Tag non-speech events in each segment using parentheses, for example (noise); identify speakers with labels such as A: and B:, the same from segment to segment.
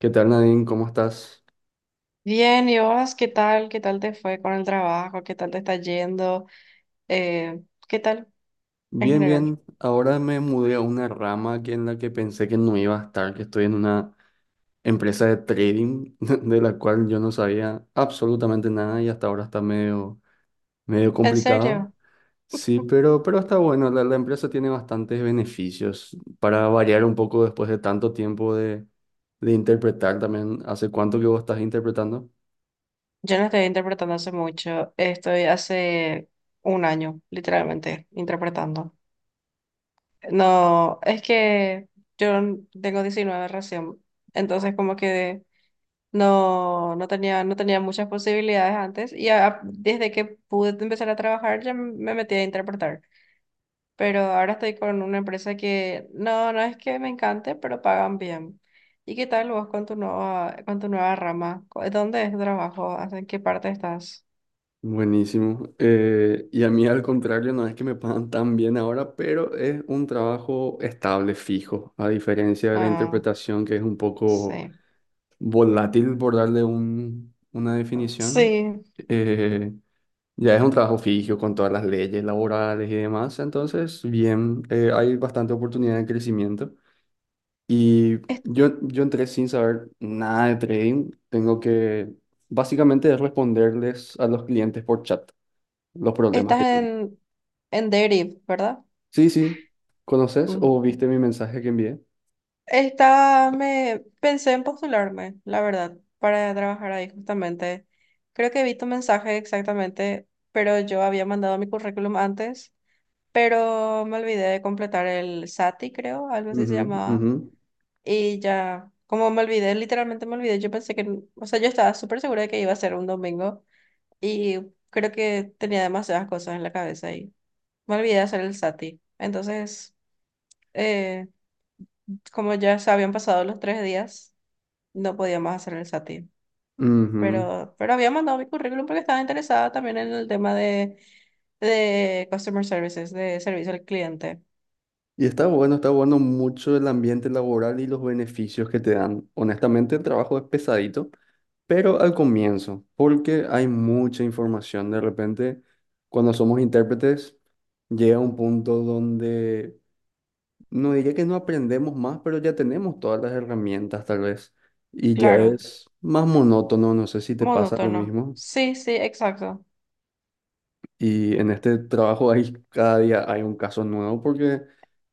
A: ¿Qué tal, Nadine? ¿Cómo estás?
B: Bien, ¿y vos qué tal? ¿Qué tal te fue con el trabajo? ¿Qué tal te está yendo? Eh, ¿Qué tal en
A: Bien,
B: general?
A: bien. Ahora me mudé a una rama aquí en la que pensé que no iba a estar, que estoy en una empresa de trading (laughs) de la cual yo no sabía absolutamente nada y hasta ahora está medio, medio
B: ¿En
A: complicado.
B: serio?
A: Sí,
B: (laughs)
A: pero está bueno. La empresa tiene bastantes beneficios para variar un poco después de tanto tiempo de interpretar también. ¿Hace cuánto que vos estás interpretando?
B: Yo no estoy interpretando hace mucho, estoy hace un año, literalmente, interpretando. No, es que yo tengo 19 recién, entonces como que no, no tenía muchas posibilidades antes y desde que pude empezar a trabajar ya me metí a interpretar. Pero ahora estoy con una empresa que no es que me encante, pero pagan bien. ¿Y qué tal vos con tu nueva rama? ¿Dónde es tu trabajo? ¿En qué parte estás?
A: Buenísimo. Y a mí al contrario, no es que me pagan tan bien ahora, pero es un trabajo estable, fijo, a diferencia de la
B: Ah,
A: interpretación que es un poco
B: sí.
A: volátil, por darle una definición.
B: Sí,
A: Eh, ya es un trabajo fijo con todas las leyes laborales y demás, entonces bien, hay bastante oportunidad de crecimiento. Y
B: es-
A: yo entré sin saber nada de trading, tengo que básicamente es responderles a los clientes por chat los problemas
B: estás
A: que tiene.
B: en Deriv, ¿verdad?
A: Sí, sí. ¿Conoces
B: Ujú.
A: o viste mi mensaje que envié?
B: Estaba, me pensé en postularme, la verdad, para trabajar ahí justamente. Creo que vi tu mensaje exactamente, pero yo había mandado mi currículum antes, pero me olvidé de completar el SATI, creo, algo así se
A: Ujú,
B: llamaba.
A: ujú,
B: Y ya, como me olvidé, literalmente me olvidé, yo pensé que, o sea, yo estaba súper segura de que iba a ser un domingo y creo que tenía demasiadas cosas en la cabeza y me olvidé de hacer el SATI. Entonces, eh, como ya se habían pasado los 3 días, no podía más hacer el SATI.
A: ujú.
B: Pero había mandado mi currículum porque estaba interesada también en el tema de Customer Services, de servicio al cliente.
A: Y está bueno mucho el ambiente laboral y los beneficios que te dan. Honestamente, el trabajo es pesadito, pero al comienzo, porque hay mucha información. De repente, cuando somos intérpretes, llega un punto donde no diría que no aprendemos más, pero ya tenemos todas las herramientas, tal vez. Y ya
B: Claro.
A: es más monótono, no sé si te pasa lo
B: Monótono.
A: mismo.
B: Sí, sí, exacto.
A: Y en este trabajo hay, cada día hay un caso nuevo porque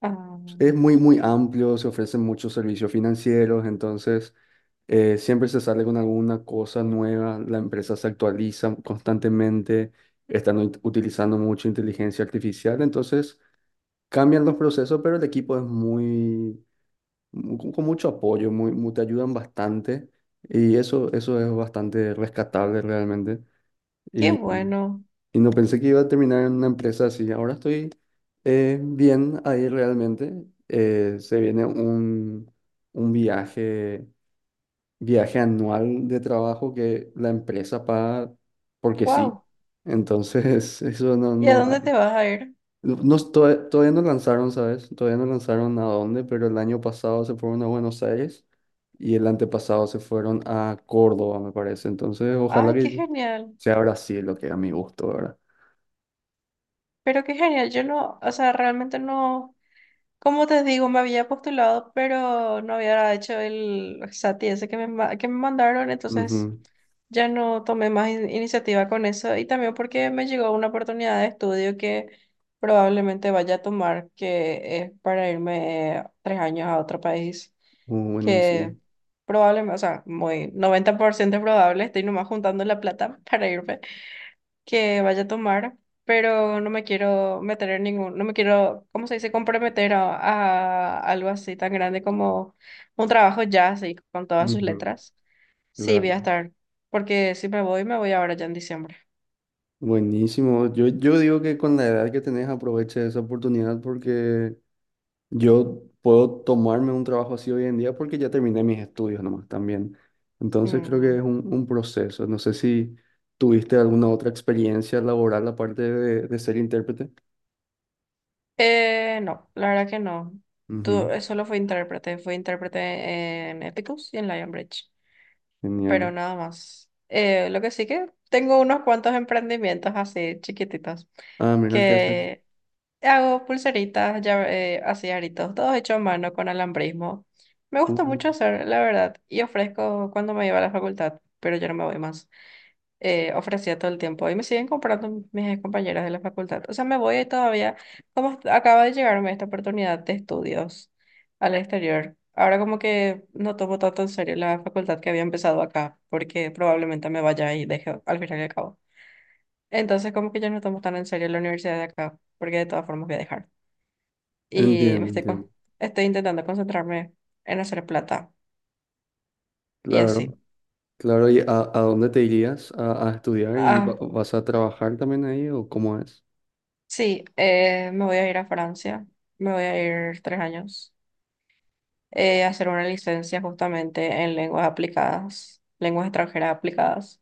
B: Ah,
A: es muy, muy amplio, se ofrecen muchos servicios financieros, entonces siempre se sale con alguna cosa nueva, la empresa se actualiza constantemente, están utilizando mucha inteligencia artificial, entonces cambian los procesos, pero el equipo es muy, con mucho apoyo, muy, te ayudan bastante y eso es bastante rescatable realmente.
B: qué bueno.
A: Y no pensé que iba a terminar en una empresa así. Ahora estoy bien ahí realmente. Se viene un viaje, viaje anual de trabajo que la empresa paga porque sí.
B: Wow.
A: Entonces, (laughs) eso no,
B: ¿Y a
A: no
B: dónde
A: hay.
B: te vas a ir?
A: No, todavía no lanzaron, ¿sabes? Todavía no lanzaron a dónde, pero el año pasado se fueron a Buenos Aires y el antepasado se fueron a Córdoba, me parece. Entonces, ojalá
B: Ay, qué
A: que
B: genial.
A: sea Brasil lo que a mi gusto, ¿verdad?
B: Pero qué genial. Yo no, o sea, realmente no. Como te digo, me había postulado, pero no había hecho el SATI ese que me mandaron, entonces
A: Ujú.
B: ya no tomé más iniciativa con eso. Y también porque me llegó una oportunidad de estudio que probablemente vaya a tomar, que es para irme 3 años a otro país,
A: Oh,
B: que
A: buenísimo.
B: probablemente, o sea, muy 90% probable, estoy nomás juntando la plata (laughs) para irme, que vaya a tomar, pero no me quiero meter en ningún, no me quiero, ¿cómo se dice?, comprometer a algo así tan grande como un trabajo ya, así, con todas sus
A: Ujú,
B: letras. Sí, voy
A: claro.
B: a estar, porque si me voy, me voy ahora ya en diciembre.
A: Buenísimo. Yo digo que con la edad que tenés aproveche esa oportunidad porque yo puedo tomarme un trabajo así hoy en día porque ya terminé mis estudios nomás también. Entonces creo que
B: Mm.
A: es un proceso. No sé si tuviste alguna otra experiencia laboral aparte de ser intérprete.
B: No, la verdad que no. Tú,
A: Ujú,
B: solo fui intérprete en Epicus y en Lionbridge, pero
A: genial.
B: nada más. Lo que sí que tengo unos cuantos emprendimientos así chiquititos
A: Ah, mira qué haces.
B: que hago pulseritas, ya, así aritos, todo hecho a mano con alambrismo. Me gusta
A: Uh,
B: mucho hacer, la verdad, y ofrezco cuando me iba a la facultad, pero ya no me voy más. Ofrecía todo el tiempo y me siguen comprando mis compañeras de la facultad. O sea, me voy todavía, como acaba de llegarme esta oportunidad de estudios al exterior. Ahora como que no tomo tanto en serio la facultad que había empezado acá, porque probablemente me vaya y deje al final y al cabo. Entonces como que ya no tomo tan en serio la universidad de acá, porque de todas formas voy a dejar y
A: entiendo, entiendo.
B: estoy intentando concentrarme en hacer plata y
A: Claro.
B: así.
A: Claro, ¿y a dónde te irías a estudiar y
B: Ah,
A: vas a trabajar también ahí o cómo es?
B: sí, me voy a ir a Francia, me voy a ir 3 años, a hacer una licencia justamente en lenguas aplicadas, lenguas extranjeras aplicadas.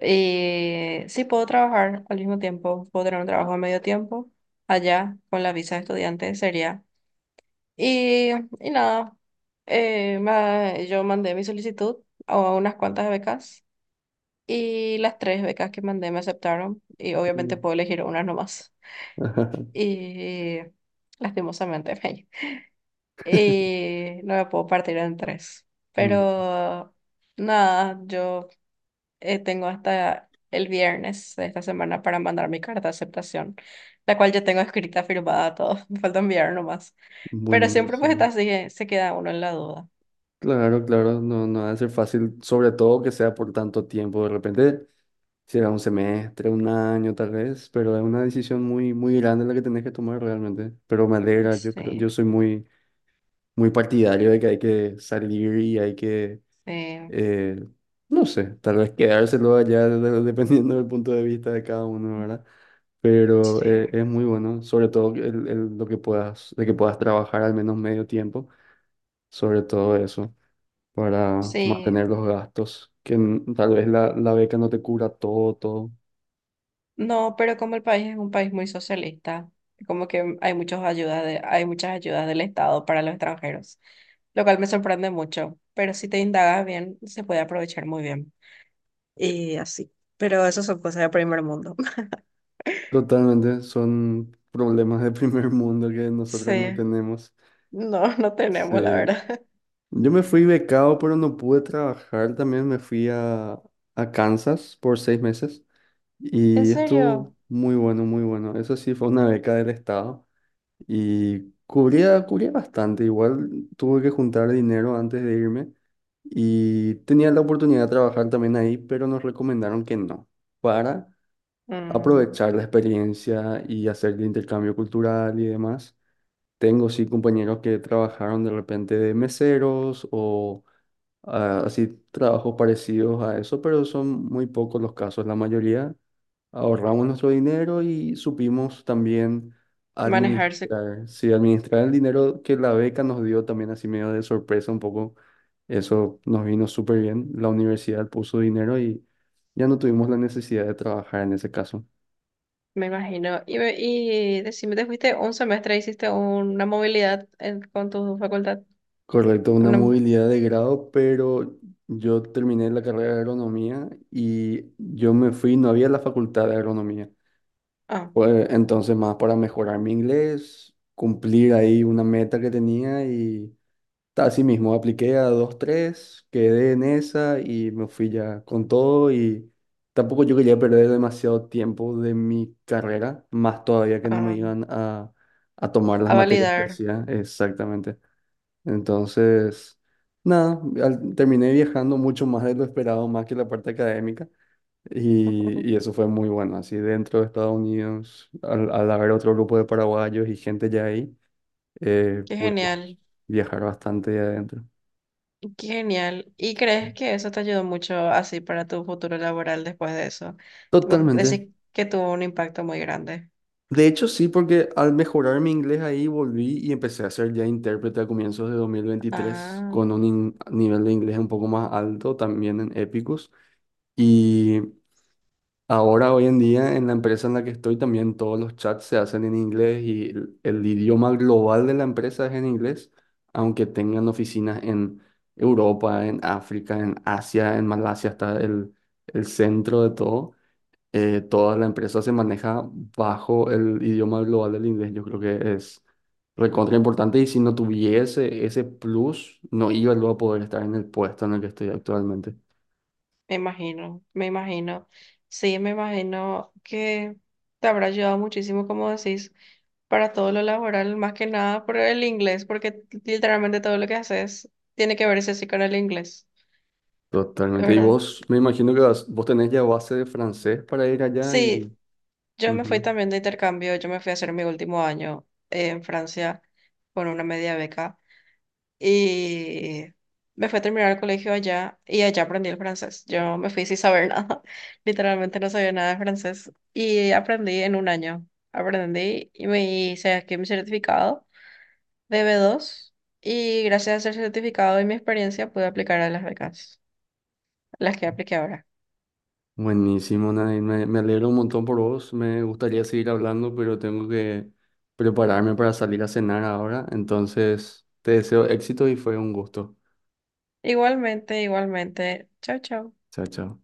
B: Y sí, puedo trabajar al mismo tiempo, puedo tener un trabajo a medio tiempo allá con la visa de estudiante, sería. Y, y nada, yo mandé mi solicitud a unas cuantas becas. Y las tres becas que mandé me aceptaron y obviamente
A: Mm.
B: puedo elegir una nomás.
A: (laughs)
B: Y lastimosamente, (laughs) y no me puedo partir en tres.
A: Mm,
B: Pero nada, yo, tengo hasta el viernes de esta semana para mandar mi carta de aceptación, la cual ya tengo escrita, firmada, todo. (laughs) Me falta enviar nomás. Pero
A: bueno,
B: siempre pues está
A: sí.
B: así, se queda uno en la duda.
A: Claro, claro, no, no va a ser fácil, sobre todo que sea por tanto tiempo. De repente será un semestre, un año tal vez, pero es una decisión muy, muy grande la que tenés que tomar realmente. Pero me alegra, yo creo,
B: Sí,
A: yo soy muy, muy partidario de que hay que salir y hay que,
B: sí,
A: eh, no sé, tal vez quedárselo allá (laughs) dependiendo del punto de vista de cada uno, ¿verdad? Pero
B: sí.
A: es muy bueno, sobre todo lo que puedas, de que puedas trabajar al menos medio tiempo, sobre todo eso, para
B: Sí,
A: mantener los gastos, que tal vez la beca no te cubra todo, todo.
B: no, pero como el país es un país muy socialista, como que hay muchas ayudas de, hay muchas ayudas del Estado para los extranjeros, lo cual me sorprende mucho, pero si te indagas bien, se puede aprovechar muy bien. Y así. Pero eso son cosas de primer mundo. (laughs)
A: Totalmente, son problemas de (laughs) primer mundo que nosotros no
B: Sí,
A: tenemos.
B: no, no tenemos, la
A: Sí.
B: verdad. (laughs)
A: Yo me fui becado, pero no pude trabajar. También me fui a Kansas por 6 meses
B: ¿En
A: y estuvo
B: serio?
A: muy bueno, muy bueno. Eso sí fue una beca del Estado. Y cubría, cubría bastante, igual tuve que juntar dinero antes de irme y tenía la oportunidad de trabajar también ahí, pero nos recomendaron que no, para
B: Mm,
A: aprovechar la experiencia y hacer el intercambio cultural y demás. Tengo sí compañeros que trabajaron de repente de meseros o ah, así trabajos parecidos a eso, pero son muy pocos los casos, la mayoría ahorramos nuestro dinero y supimos también
B: manejarse,
A: administrar, sí, administrar el dinero que la beca nos dio también así medio de sorpresa un poco. Eso nos vino súper bien. La universidad puso dinero y ya no tuvimos la necesidad de trabajar en ese caso.
B: me imagino. Y decime, ¿te fuiste un semestre, hiciste una movilidad con tu facultad?
A: Correcto, una
B: Una,
A: movilidad de grado, pero yo terminé la carrera de agronomía y yo me fui, no había la facultad de agronomía.
B: ah,
A: Pues entonces más para mejorar mi inglés, cumplir ahí una meta que tenía y así mismo, apliqué a dos, tres, quedé en esa y me fui ya con todo y tampoco yo quería perder demasiado tiempo de mi carrera, más todavía que no me
B: ah,
A: iban a tomar las
B: a
A: materias que
B: validar.
A: hacía, exactamente. Entonces, nada, terminé viajando mucho más de lo esperado, más que la parte académica y
B: (laughs)
A: eso fue muy bueno, así dentro de Estados Unidos, al, al haber otro grupo de paraguayos y gente ya ahí,
B: Qué
A: pudimos
B: genial,
A: viajar bastante adentro.
B: qué genial. ¿Y crees que eso te ayudó mucho así para tu futuro laboral después de eso? Tipo,
A: Totalmente.
B: decir que tuvo un impacto muy grande.
A: De hecho, sí, porque al mejorar mi inglés ahí volví y empecé a ser ya intérprete a comienzos de 2023
B: Ah,
A: con un nivel de inglés un poco más alto también en Epicus. Y ahora, hoy en día, en la empresa en la que estoy, también todos los chats se hacen en inglés y el idioma global de la empresa es en inglés, aunque tengan oficinas en Europa, en África, en Asia, en Malasia, está el centro de todo. Toda la empresa se maneja bajo el idioma global del inglés. Yo creo que es recontra importante y si no tuviese ese plus, no iba luego a poder estar en el puesto en el que estoy actualmente.
B: me imagino, me imagino. Sí, me imagino que te habrá ayudado muchísimo, como decís, para todo lo laboral, más que nada por el inglés, porque literalmente todo lo que haces tiene que verse así con el inglés,
A: Totalmente. Y
B: ¿verdad?
A: vos, me imagino que vos tenés ya base de francés para ir allá y...
B: Sí, yo me fui
A: Ujú.
B: también de intercambio, yo me fui a hacer mi último año, en Francia con una media beca y me fui a terminar el colegio allá y allá aprendí el francés. Yo me fui sin saber (laughs) nada, literalmente no sabía nada de francés y aprendí en un año. Aprendí y me hice aquí mi certificado de B2 y gracias a ese certificado y mi experiencia pude aplicar a las becas, las que apliqué ahora.
A: Buenísimo, Nadine. Me alegro un montón por vos. Me gustaría seguir hablando, pero tengo que prepararme para salir a cenar ahora. Entonces, te deseo éxito y fue un gusto.
B: Igualmente, igualmente. Chao, chao.
A: Chao, chao.